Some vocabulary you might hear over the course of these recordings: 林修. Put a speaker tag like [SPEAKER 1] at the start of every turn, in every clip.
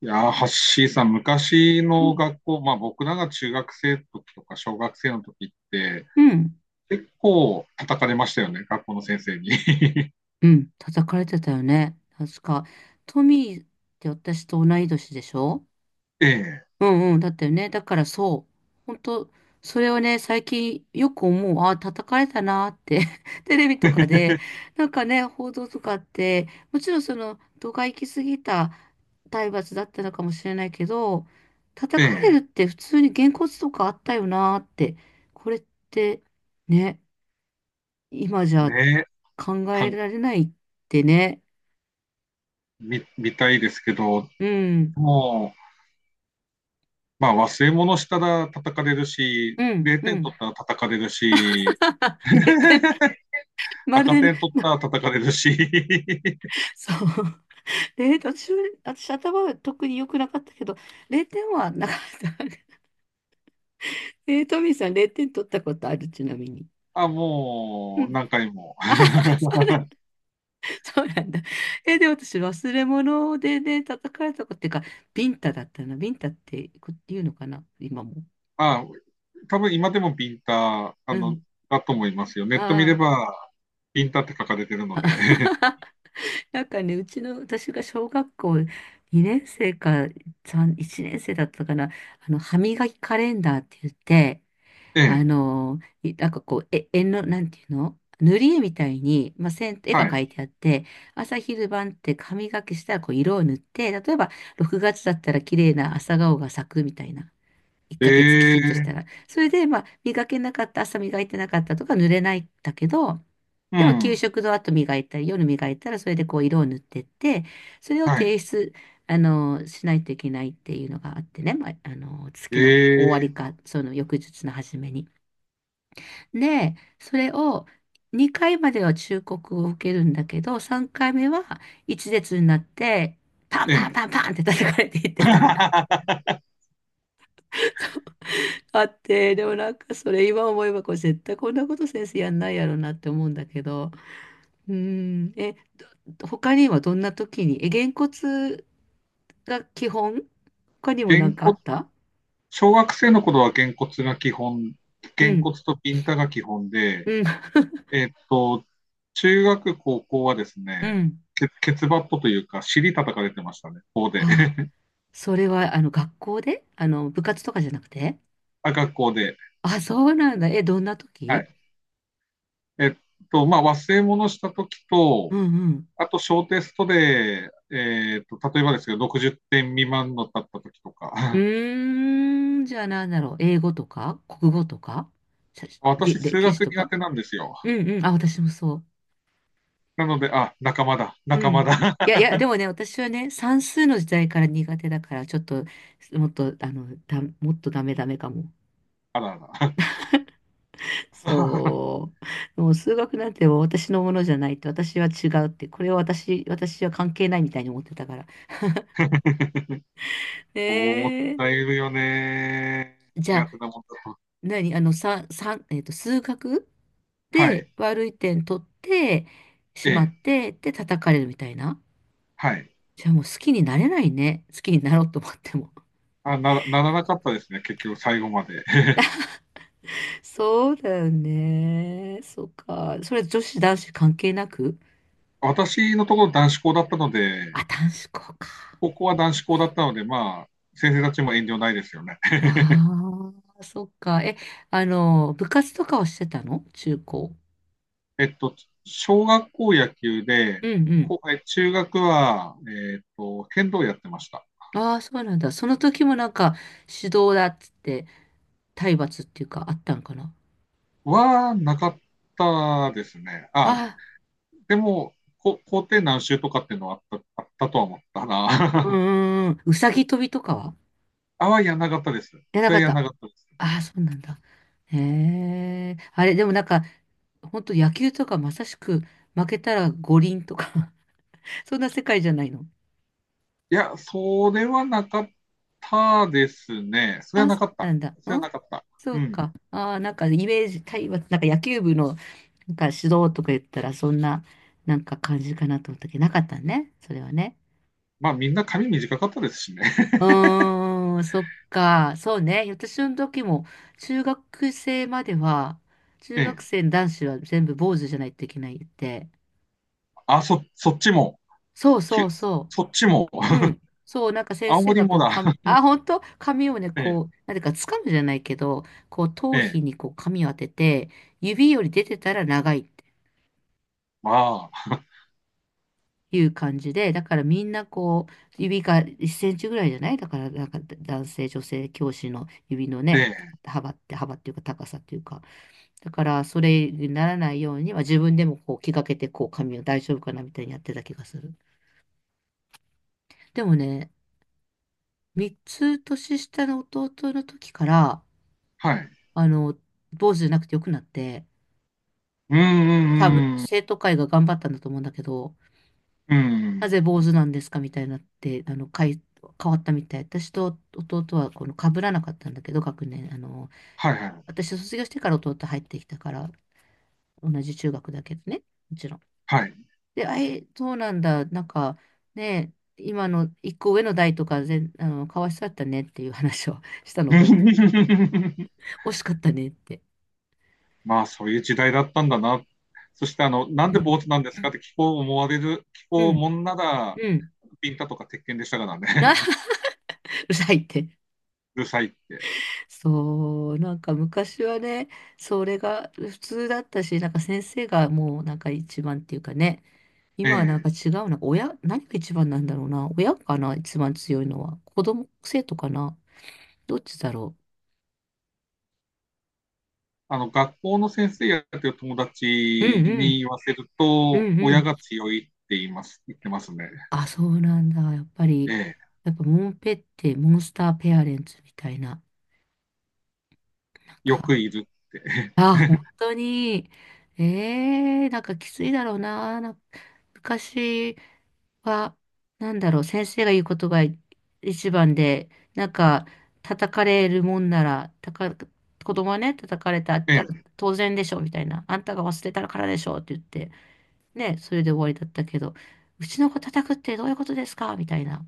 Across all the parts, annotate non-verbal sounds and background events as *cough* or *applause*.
[SPEAKER 1] いやー、ハッシーさん、昔
[SPEAKER 2] うん、
[SPEAKER 1] の学校、まあ僕らが中学生の時とか小学生の時って、
[SPEAKER 2] うん、
[SPEAKER 1] 結構叩かれましたよね、学校の先生に。*laughs*
[SPEAKER 2] うん、叩かれてたよね。確か。トミーって私と同い年でしょ。
[SPEAKER 1] ええ、
[SPEAKER 2] うんうん、だったよね。だからそう。本当それをね、最近よく思う。ああ、叩かれたなーって。*laughs* テレビとかで、なんかね、報道とかって、もちろんその、度が行き過ぎた体罰だったのかもしれないけど、
[SPEAKER 1] え
[SPEAKER 2] 叩かれるっ
[SPEAKER 1] え、
[SPEAKER 2] て普通にげんこつとかあったよなーって。これって、ね、今じゃ
[SPEAKER 1] ねえ、
[SPEAKER 2] 考
[SPEAKER 1] か、
[SPEAKER 2] えられないってね。
[SPEAKER 1] 見たいですけど、
[SPEAKER 2] うん、
[SPEAKER 1] もう、まあ忘れ物したら叩かれるし、
[SPEAKER 2] うん、
[SPEAKER 1] 0
[SPEAKER 2] う
[SPEAKER 1] 点
[SPEAKER 2] ん。
[SPEAKER 1] 取ったら叩かれるし、
[SPEAKER 2] *laughs* 0
[SPEAKER 1] *laughs*
[SPEAKER 2] 点、ま
[SPEAKER 1] 赤
[SPEAKER 2] るで、
[SPEAKER 1] 点取ったら叩かれるし、*laughs*
[SPEAKER 2] *laughs* そう。え私私頭は特に良くなかったけど、0点はなかった。トミーさん0点取ったことある、ちなみに。
[SPEAKER 1] あ、
[SPEAKER 2] う
[SPEAKER 1] もう
[SPEAKER 2] ん。
[SPEAKER 1] 何回も。
[SPEAKER 2] あはは、
[SPEAKER 1] *laughs*
[SPEAKER 2] そうなん、そうなんだ。で、私忘れ物でね、叩かれたことっていうか、ビンタだったな。ビンタって言うのかな、今も。
[SPEAKER 1] あ、多分今でもピンタ、
[SPEAKER 2] うん。
[SPEAKER 1] だと思いますよ。ネット見
[SPEAKER 2] あ
[SPEAKER 1] れば、ピンタって書かれてるの
[SPEAKER 2] あ。
[SPEAKER 1] で。*laughs*
[SPEAKER 2] *laughs* なんかね、うちの、私が小学校2年生か3、1年生だったかな、歯磨きカレンダーって言って、
[SPEAKER 1] ええ、
[SPEAKER 2] なんかこう、絵の、なんていうの、塗り絵みたいに、まあ、線、絵が
[SPEAKER 1] はい。
[SPEAKER 2] 描いてあって、朝昼晩って歯磨きしたらこう色を塗って、例えば6月だったら綺麗な朝顔が咲くみたいな。1ヶ月き
[SPEAKER 1] え
[SPEAKER 2] ちんとし
[SPEAKER 1] え、
[SPEAKER 2] たら。それで、まあ、磨けなかった、朝磨いてなかったとか濡れないんだけど、
[SPEAKER 1] う
[SPEAKER 2] でも給
[SPEAKER 1] ん、
[SPEAKER 2] 食の後磨いたり、夜磨いたら、それでこう色を塗ってって、それを
[SPEAKER 1] は
[SPEAKER 2] 提
[SPEAKER 1] い。
[SPEAKER 2] 出、しないといけないっていうのがあってね、まあ、月の終わ
[SPEAKER 1] え
[SPEAKER 2] り
[SPEAKER 1] え、
[SPEAKER 2] か、その翌日の初めに。で、それを2回までは忠告を受けるんだけど、3回目は一列になって、パン
[SPEAKER 1] え
[SPEAKER 2] パン
[SPEAKER 1] え。
[SPEAKER 2] パンパンって叩かれていってたの。
[SPEAKER 1] *laughs*
[SPEAKER 2] あって、でもなんかそれ今思えばこれ絶対こんなこと先生やんないやろなって思うんだけど、うん、他にはどんな時に、げんこつが基本、他にも
[SPEAKER 1] げ
[SPEAKER 2] なん
[SPEAKER 1] ん
[SPEAKER 2] かあっ
[SPEAKER 1] こ
[SPEAKER 2] た？
[SPEAKER 1] 小学生の頃はげんこつが基本、
[SPEAKER 2] う
[SPEAKER 1] げんこ
[SPEAKER 2] ん、
[SPEAKER 1] つとピンタが基本で、
[SPEAKER 2] うん、
[SPEAKER 1] えっと、中学、高校はです
[SPEAKER 2] *laughs* う
[SPEAKER 1] ね、
[SPEAKER 2] ん。
[SPEAKER 1] ケツバットというか、尻叩かれてましたね、校で。
[SPEAKER 2] あ、
[SPEAKER 1] *laughs*
[SPEAKER 2] それはあの学校であの部活とかじゃなくて？
[SPEAKER 1] あ、学校で。
[SPEAKER 2] あ、そうなんだ。どんな
[SPEAKER 1] は
[SPEAKER 2] 時？
[SPEAKER 1] い。えっと、まあ、忘れ物した時と、
[SPEAKER 2] うんうん。
[SPEAKER 1] あと、小テストで、えっと、例えばですけど、60点未満のだった時と
[SPEAKER 2] う
[SPEAKER 1] か、*laughs*
[SPEAKER 2] ーん、じゃあなんだろう。英語とか国語とか、しゃしで
[SPEAKER 1] 私、数
[SPEAKER 2] 歴史
[SPEAKER 1] 学
[SPEAKER 2] と
[SPEAKER 1] 苦
[SPEAKER 2] か。
[SPEAKER 1] 手なんですよ。
[SPEAKER 2] うんうん。あ、私もそう。
[SPEAKER 1] なので、あ、仲間だ、
[SPEAKER 2] う
[SPEAKER 1] 仲間
[SPEAKER 2] ん。
[SPEAKER 1] だ。
[SPEAKER 2] いやいや、でもね、私はね、算数の時代から苦手だから、ちょっと、もっと、もっとダメダメかも。
[SPEAKER 1] *laughs* あらあら。
[SPEAKER 2] *laughs* そう。もう数学なんてもう私のものじゃないって、私は違うって、これは私、私は関係ないみたいに思ってたから。え
[SPEAKER 1] *laughs* 思っちい
[SPEAKER 2] ー、
[SPEAKER 1] るよね。
[SPEAKER 2] じゃ
[SPEAKER 1] 苦手
[SPEAKER 2] あ、
[SPEAKER 1] なもんだと。
[SPEAKER 2] 何あの、さ、さ、えっと、数学
[SPEAKER 1] は
[SPEAKER 2] で
[SPEAKER 1] い。
[SPEAKER 2] 悪い点取ってし
[SPEAKER 1] え
[SPEAKER 2] ま
[SPEAKER 1] え。
[SPEAKER 2] って、で、叩かれるみたいな。
[SPEAKER 1] はい。
[SPEAKER 2] じゃあもう好きになれないね。好きになろうと思っても。
[SPEAKER 1] あ、ならなかったですね、結局、最後まで。*laughs*
[SPEAKER 2] そうだよね。そっか。それ女子男子関係なく？
[SPEAKER 1] 私のところ男子校だったので、
[SPEAKER 2] あ、男子校か。
[SPEAKER 1] 高校は男子校だったので、まあ、先生たちも遠慮ないですよね。
[SPEAKER 2] ああ、そっか。え、あの、部活とかはしてたの中高？
[SPEAKER 1] えっと、小学校野球で、
[SPEAKER 2] うんうん。
[SPEAKER 1] 中学は、えっと、剣道やってました。
[SPEAKER 2] ああ、そうなんだ。その時もなんか指導だっつって、体罰っていうかあったんかな。
[SPEAKER 1] なかったですね。あ、
[SPEAKER 2] あ
[SPEAKER 1] でも、校庭何周とかっていうのはあったとは思った
[SPEAKER 2] あ、うんう
[SPEAKER 1] な。*laughs*
[SPEAKER 2] んうん。うさぎ跳びとかは？
[SPEAKER 1] やんなかったです。
[SPEAKER 2] やらな
[SPEAKER 1] そ
[SPEAKER 2] か
[SPEAKER 1] れ
[SPEAKER 2] っ
[SPEAKER 1] やん
[SPEAKER 2] た。
[SPEAKER 1] なかったです。
[SPEAKER 2] ああ、そうなんだ。へえ。あれ、でもなんか、本当野球とかまさしく負けたら五輪とか *laughs* そんな世界じゃないの？
[SPEAKER 1] いや、それはなかったですね。それは
[SPEAKER 2] あ、
[SPEAKER 1] な
[SPEAKER 2] そう
[SPEAKER 1] かっ
[SPEAKER 2] な
[SPEAKER 1] た。
[SPEAKER 2] んだ。
[SPEAKER 1] それ
[SPEAKER 2] う
[SPEAKER 1] は
[SPEAKER 2] ん、
[SPEAKER 1] なかった。
[SPEAKER 2] そ
[SPEAKER 1] う
[SPEAKER 2] う
[SPEAKER 1] ん。
[SPEAKER 2] か。ああ、なんかイメージ、対話、なんか野球部のなんか指導とか言ったら、そんな、なんか感じかなと思ったけど、なかったね。それはね。
[SPEAKER 1] まあ、みんな髪短かったですしね。
[SPEAKER 2] うーん、そっか。そうね。私の時も、中学生までは、
[SPEAKER 1] *laughs*
[SPEAKER 2] 中
[SPEAKER 1] え
[SPEAKER 2] 学
[SPEAKER 1] え。
[SPEAKER 2] 生の男子は全部坊主じゃないといけないって。
[SPEAKER 1] あ、そっちも。
[SPEAKER 2] そう
[SPEAKER 1] き
[SPEAKER 2] そう
[SPEAKER 1] ゅ
[SPEAKER 2] そ
[SPEAKER 1] そっちも。
[SPEAKER 2] う。う
[SPEAKER 1] *laughs*
[SPEAKER 2] ん。そう、なんか先
[SPEAKER 1] 青
[SPEAKER 2] 生
[SPEAKER 1] 森
[SPEAKER 2] がこ
[SPEAKER 1] も
[SPEAKER 2] う、
[SPEAKER 1] だ。*laughs*
[SPEAKER 2] 本当髪をね、
[SPEAKER 1] ええ。
[SPEAKER 2] こう、なんていうか、掴むじゃないけど、こう、頭
[SPEAKER 1] え
[SPEAKER 2] 皮
[SPEAKER 1] え
[SPEAKER 2] にこう、髪を当てて、指より出てたら長いって
[SPEAKER 1] ああ、
[SPEAKER 2] いう感じで、だからみんなこう、指が1センチぐらいじゃない、だから、なんか男性、女性、教師の指の
[SPEAKER 1] え
[SPEAKER 2] ね、
[SPEAKER 1] え、
[SPEAKER 2] 幅って、幅っていうか、高さっていうか、だから、それにならないように、まあ、自分でもこう、気がけて、こう、髪を大丈夫かなみたいにやってた気がする。でもね、3つ年下の弟の時から、
[SPEAKER 1] はい。
[SPEAKER 2] あの、坊主じゃなくてよくなって、
[SPEAKER 1] うんう
[SPEAKER 2] 多分
[SPEAKER 1] んうん
[SPEAKER 2] 生徒会が頑張ったんだと思うんだけど、
[SPEAKER 1] う
[SPEAKER 2] な
[SPEAKER 1] ん。
[SPEAKER 2] ぜ坊主なんですかみたいになって、変わったみたい。私と弟はこの被らなかったんだけど、学年。
[SPEAKER 1] はいはい。
[SPEAKER 2] 私卒業してから弟入ってきたから、同じ中学だけどね、もちろん。
[SPEAKER 1] はい。
[SPEAKER 2] で、そうなんだ、なんかね、今の一個上の代とか全、かわいそうだったねっていう話を *laughs* したの覚えてる。
[SPEAKER 1] *laughs*
[SPEAKER 2] 惜しかったねって。
[SPEAKER 1] まあ、そういう時代だったんだな。そして、あの、なん
[SPEAKER 2] う
[SPEAKER 1] で
[SPEAKER 2] ん。
[SPEAKER 1] 坊主なんですかって聞こう思われる、聞
[SPEAKER 2] う
[SPEAKER 1] こう
[SPEAKER 2] ん。
[SPEAKER 1] もんなら、
[SPEAKER 2] うん。
[SPEAKER 1] ピンタとか鉄拳でしたから
[SPEAKER 2] あ、*laughs* う
[SPEAKER 1] ね。*laughs*
[SPEAKER 2] るさいって。
[SPEAKER 1] うるさいって。
[SPEAKER 2] そう、なんか昔はね、それが普通だったし、なんか先生がもうなんか一番っていうかね、
[SPEAKER 1] え
[SPEAKER 2] 今はなんか
[SPEAKER 1] え。
[SPEAKER 2] 違うな、親、何が一番なんだろうな、親かな、一番強いのは、子供、生徒かな、どっちだろ
[SPEAKER 1] あの、学校の先生やってる友達
[SPEAKER 2] う。うんう
[SPEAKER 1] に
[SPEAKER 2] ん、
[SPEAKER 1] 言わせる
[SPEAKER 2] う
[SPEAKER 1] と、
[SPEAKER 2] んう
[SPEAKER 1] 親
[SPEAKER 2] ん。
[SPEAKER 1] が強いって言ってますね。
[SPEAKER 2] あ、そうなんだ、やっぱ
[SPEAKER 1] え
[SPEAKER 2] り、
[SPEAKER 1] え。
[SPEAKER 2] やっぱモンペってモンスターペアレンツみたいな、なん
[SPEAKER 1] よ
[SPEAKER 2] か、
[SPEAKER 1] くいるって。
[SPEAKER 2] あ、本当に、なんかきついだろうな、なんか昔、は、なんだろう、先生が言うことが一番で、なんか、叩かれるもんなら、子供はね、叩かれたったら
[SPEAKER 1] *laughs* え
[SPEAKER 2] 当然でしょ、みたいな。あんたが忘れたからでしょ、って言って、ね、それで終わりだったけど、うちの子叩くってどういうことですかみたいな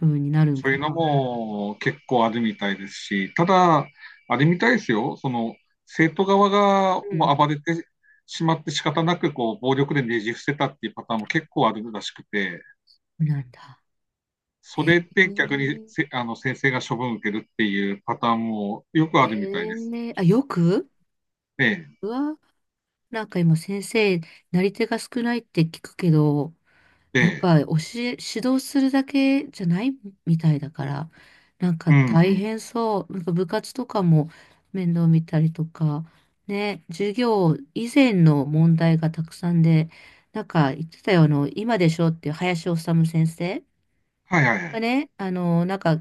[SPEAKER 2] 風になるん
[SPEAKER 1] そう
[SPEAKER 2] か
[SPEAKER 1] いうの
[SPEAKER 2] な。
[SPEAKER 1] も結構あるみたいですし、ただ、あれみたいですよ、その生徒側が
[SPEAKER 2] う
[SPEAKER 1] もう
[SPEAKER 2] ん。
[SPEAKER 1] 暴れてしまって仕方なくこう暴力でねじ伏せたっていうパターンも結構あるらしくて、
[SPEAKER 2] なんだ。
[SPEAKER 1] そ
[SPEAKER 2] へえ。
[SPEAKER 1] れで逆にあの先生が処分を受けるっていうパターンもよく
[SPEAKER 2] え
[SPEAKER 1] あるみたいです。
[SPEAKER 2] えあ、よく
[SPEAKER 1] え
[SPEAKER 2] うわ、なんか今先生、なり手が少ないって聞くけど、
[SPEAKER 1] え、え
[SPEAKER 2] やっ
[SPEAKER 1] え、
[SPEAKER 2] ぱ教え、指導するだけじゃないみたいだから、なんか
[SPEAKER 1] うん、う
[SPEAKER 2] 大
[SPEAKER 1] ん、
[SPEAKER 2] 変そう。なんか部活とかも面倒見たりとか、ね、授業以前の問題がたくさんで、なんか言ってたよ、今でしょっていう林修先生
[SPEAKER 1] はいはいは
[SPEAKER 2] が
[SPEAKER 1] い、
[SPEAKER 2] ね、なんか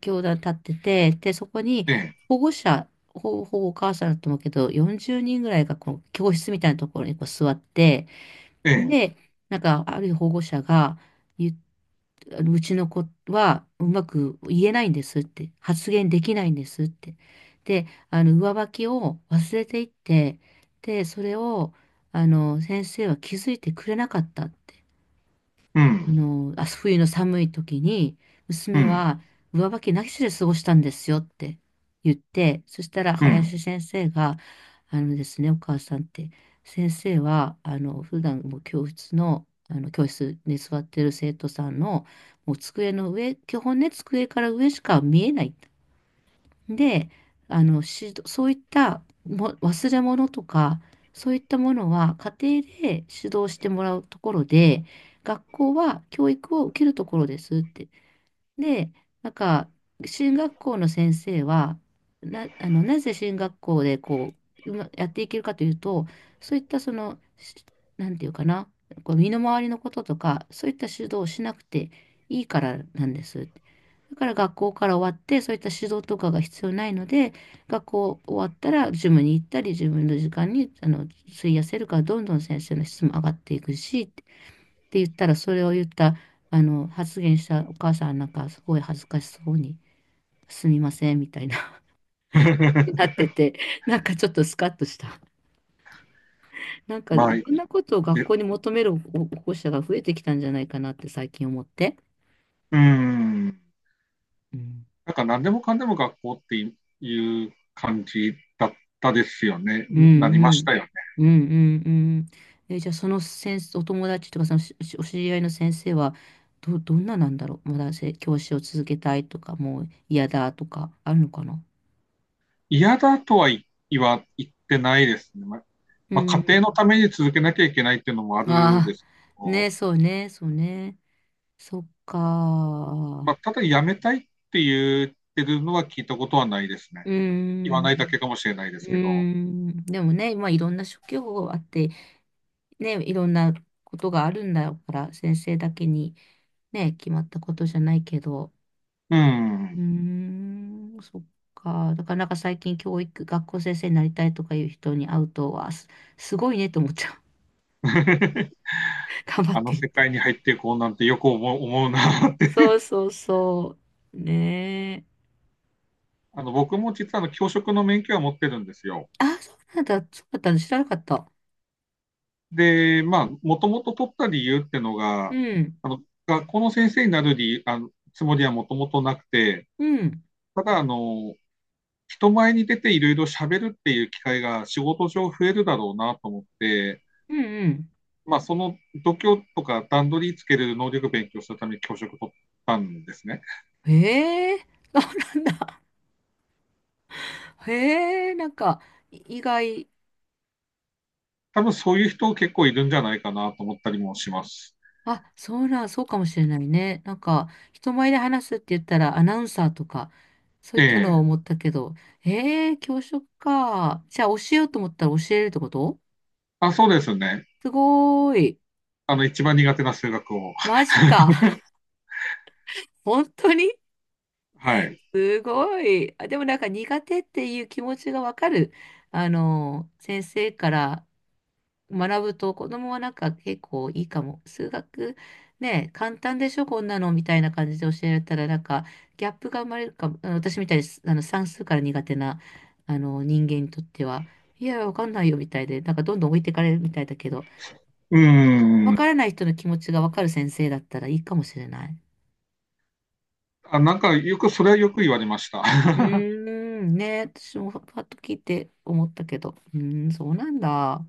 [SPEAKER 2] 教団立ってて、で、そこに
[SPEAKER 1] ええ、
[SPEAKER 2] 保護者、ほぼ、ほぼお母さんだと思うけど、40人ぐらいがこう教室みたいなところにこう座って、
[SPEAKER 1] ええ、
[SPEAKER 2] で、なんか、ある保護者が言っ、あのうちの子はうまく言えないんですって、発言できないんですって。で、上履きを忘れていって、で、それを、先生は気づいてくれなかったって。
[SPEAKER 1] うん、
[SPEAKER 2] 冬の寒い時に、
[SPEAKER 1] う
[SPEAKER 2] 娘
[SPEAKER 1] ん、
[SPEAKER 2] は上履きなしで過ごしたんですよって言って、そしたら
[SPEAKER 1] うん。
[SPEAKER 2] 林先生が、あのですね、お母さんって、先生は、普段もう教室の、教室に座ってる生徒さんの、もう机の上、基本ね、机から上しか見えない。で、指導そういったも忘れ物とか、そういったものは家庭で指導してもらうところで、学校は教育を受けるところですって。で、なんか、進学校の先生は、な、あの、なぜ進学校でこう、やっていけるかというと、そういったその、なんていうかな、こう身の回りのこととか、そういった指導をしなくていいからなんです。だから学校から終わって、そういった指導とかが必要ないので、学校終わったらジムに行ったり、自分の時間に、費やせるから、どんどん先生の質も上がっていくし、って言ったら、それを言った、あの、発言したお母さんなんか、すごい恥ずかしそうに、すみません、みたいな、*laughs* になっ
[SPEAKER 1] *laughs*
[SPEAKER 2] てて、なんかちょっとスカッとした。なんか、
[SPEAKER 1] まあ
[SPEAKER 2] い
[SPEAKER 1] い
[SPEAKER 2] ろんな
[SPEAKER 1] い。
[SPEAKER 2] ことを学
[SPEAKER 1] で
[SPEAKER 2] 校に求める保護者が増えてきたんじゃないかなって最近思って。
[SPEAKER 1] うん。
[SPEAKER 2] うん、
[SPEAKER 1] なんか何でもかんでも学校っていう感じだったですよね。
[SPEAKER 2] うん、
[SPEAKER 1] なり
[SPEAKER 2] う
[SPEAKER 1] ました
[SPEAKER 2] ん。
[SPEAKER 1] よね。
[SPEAKER 2] うんうんうん、じゃあその先生、お友達とかそのお知り合いの先生は、どんななんだろう、まだ教師を続けたいとかもう嫌だとかあるのかな。
[SPEAKER 1] 嫌だとは言ってないですね。
[SPEAKER 2] う
[SPEAKER 1] まあ家庭の
[SPEAKER 2] ん、
[SPEAKER 1] ために続けなきゃいけないっていうのもあるで
[SPEAKER 2] あ
[SPEAKER 1] すけ
[SPEAKER 2] あ、
[SPEAKER 1] ど、
[SPEAKER 2] ね、そうね、そうね。そっか
[SPEAKER 1] ま
[SPEAKER 2] ー。
[SPEAKER 1] あ、ただ辞めたいって言ってるのは聞いたことはないですね。
[SPEAKER 2] うー
[SPEAKER 1] 言わないだけ
[SPEAKER 2] ん。
[SPEAKER 1] かもしれないで
[SPEAKER 2] う
[SPEAKER 1] す
[SPEAKER 2] ー
[SPEAKER 1] けど、
[SPEAKER 2] ん。でもね、まあいろんな職業があって、ね、いろんなことがあるんだから、先生だけにね、決まったことじゃないけど。
[SPEAKER 1] う
[SPEAKER 2] うー
[SPEAKER 1] ん。
[SPEAKER 2] ん、そっか。だからなんか最近教育、学校先生になりたいとかいう人に会うと、わあ、すごいねと思っちゃう。
[SPEAKER 1] *laughs*
[SPEAKER 2] *laughs* 頑張
[SPEAKER 1] あ
[SPEAKER 2] っ
[SPEAKER 1] の
[SPEAKER 2] てっ
[SPEAKER 1] 世
[SPEAKER 2] て。
[SPEAKER 1] 界に入っていこうなんてよく思うなって。
[SPEAKER 2] そうそうそう。ねえ。
[SPEAKER 1] *laughs* あの僕も実はあの教職の免許は持ってるんですよ。
[SPEAKER 2] あ、そうなんだ。そうだったの知らなかった。
[SPEAKER 1] で、まあ、もともと取った理由っての
[SPEAKER 2] う
[SPEAKER 1] が、
[SPEAKER 2] ん。
[SPEAKER 1] あの、学校の先生になる理、あの、つもりはもともとなくて、
[SPEAKER 2] うん、
[SPEAKER 1] ただ、あの、人前に出ていろいろ喋るっていう機会が仕事上増えるだろうなと思って、
[SPEAKER 2] うん、
[SPEAKER 1] まあ、その度胸とか段取りつける能力勉強するために教職取ったんですね。
[SPEAKER 2] うん。へえ、*laughs* そうなんだ。へえ、なんか、意外、
[SPEAKER 1] 多分そういう人結構いるんじゃないかなと思ったりもします。
[SPEAKER 2] あ、そうなん、そうかもしれないね。なんか、人前で話すって言ったら、アナウンサーとか、そうい
[SPEAKER 1] え
[SPEAKER 2] ったのを思
[SPEAKER 1] え。
[SPEAKER 2] ったけど、へえ、教職か。じゃあ、教えようと思ったら教えれるってこと？
[SPEAKER 1] あ、そうですね。
[SPEAKER 2] すごーい。
[SPEAKER 1] あの、一番苦手な数学を。
[SPEAKER 2] マジか。*laughs*
[SPEAKER 1] *laughs*
[SPEAKER 2] 本当に
[SPEAKER 1] はい。
[SPEAKER 2] すごい。あ、でもなんか苦手っていう気持ちがわかる。先生から学ぶと子供はなんか結構いいかも。数学ね、簡単でしょ、こんなのみたいな感じで教えられたらなんかギャップが生まれるかも。あの私みたいにあの算数から苦手なあの人間にとっては、いや、わかんないよみたいで、なんかどんどん置いてかれるみたいだけど、
[SPEAKER 1] うー
[SPEAKER 2] わか
[SPEAKER 1] ん。
[SPEAKER 2] らない人の気持ちがわかる先生だったらいいかもしれない。
[SPEAKER 1] あ、なんかよく、それはよく言われました。
[SPEAKER 2] うーん、ね、私もパッと聞いて思ったけど、うーん、そうなんだ。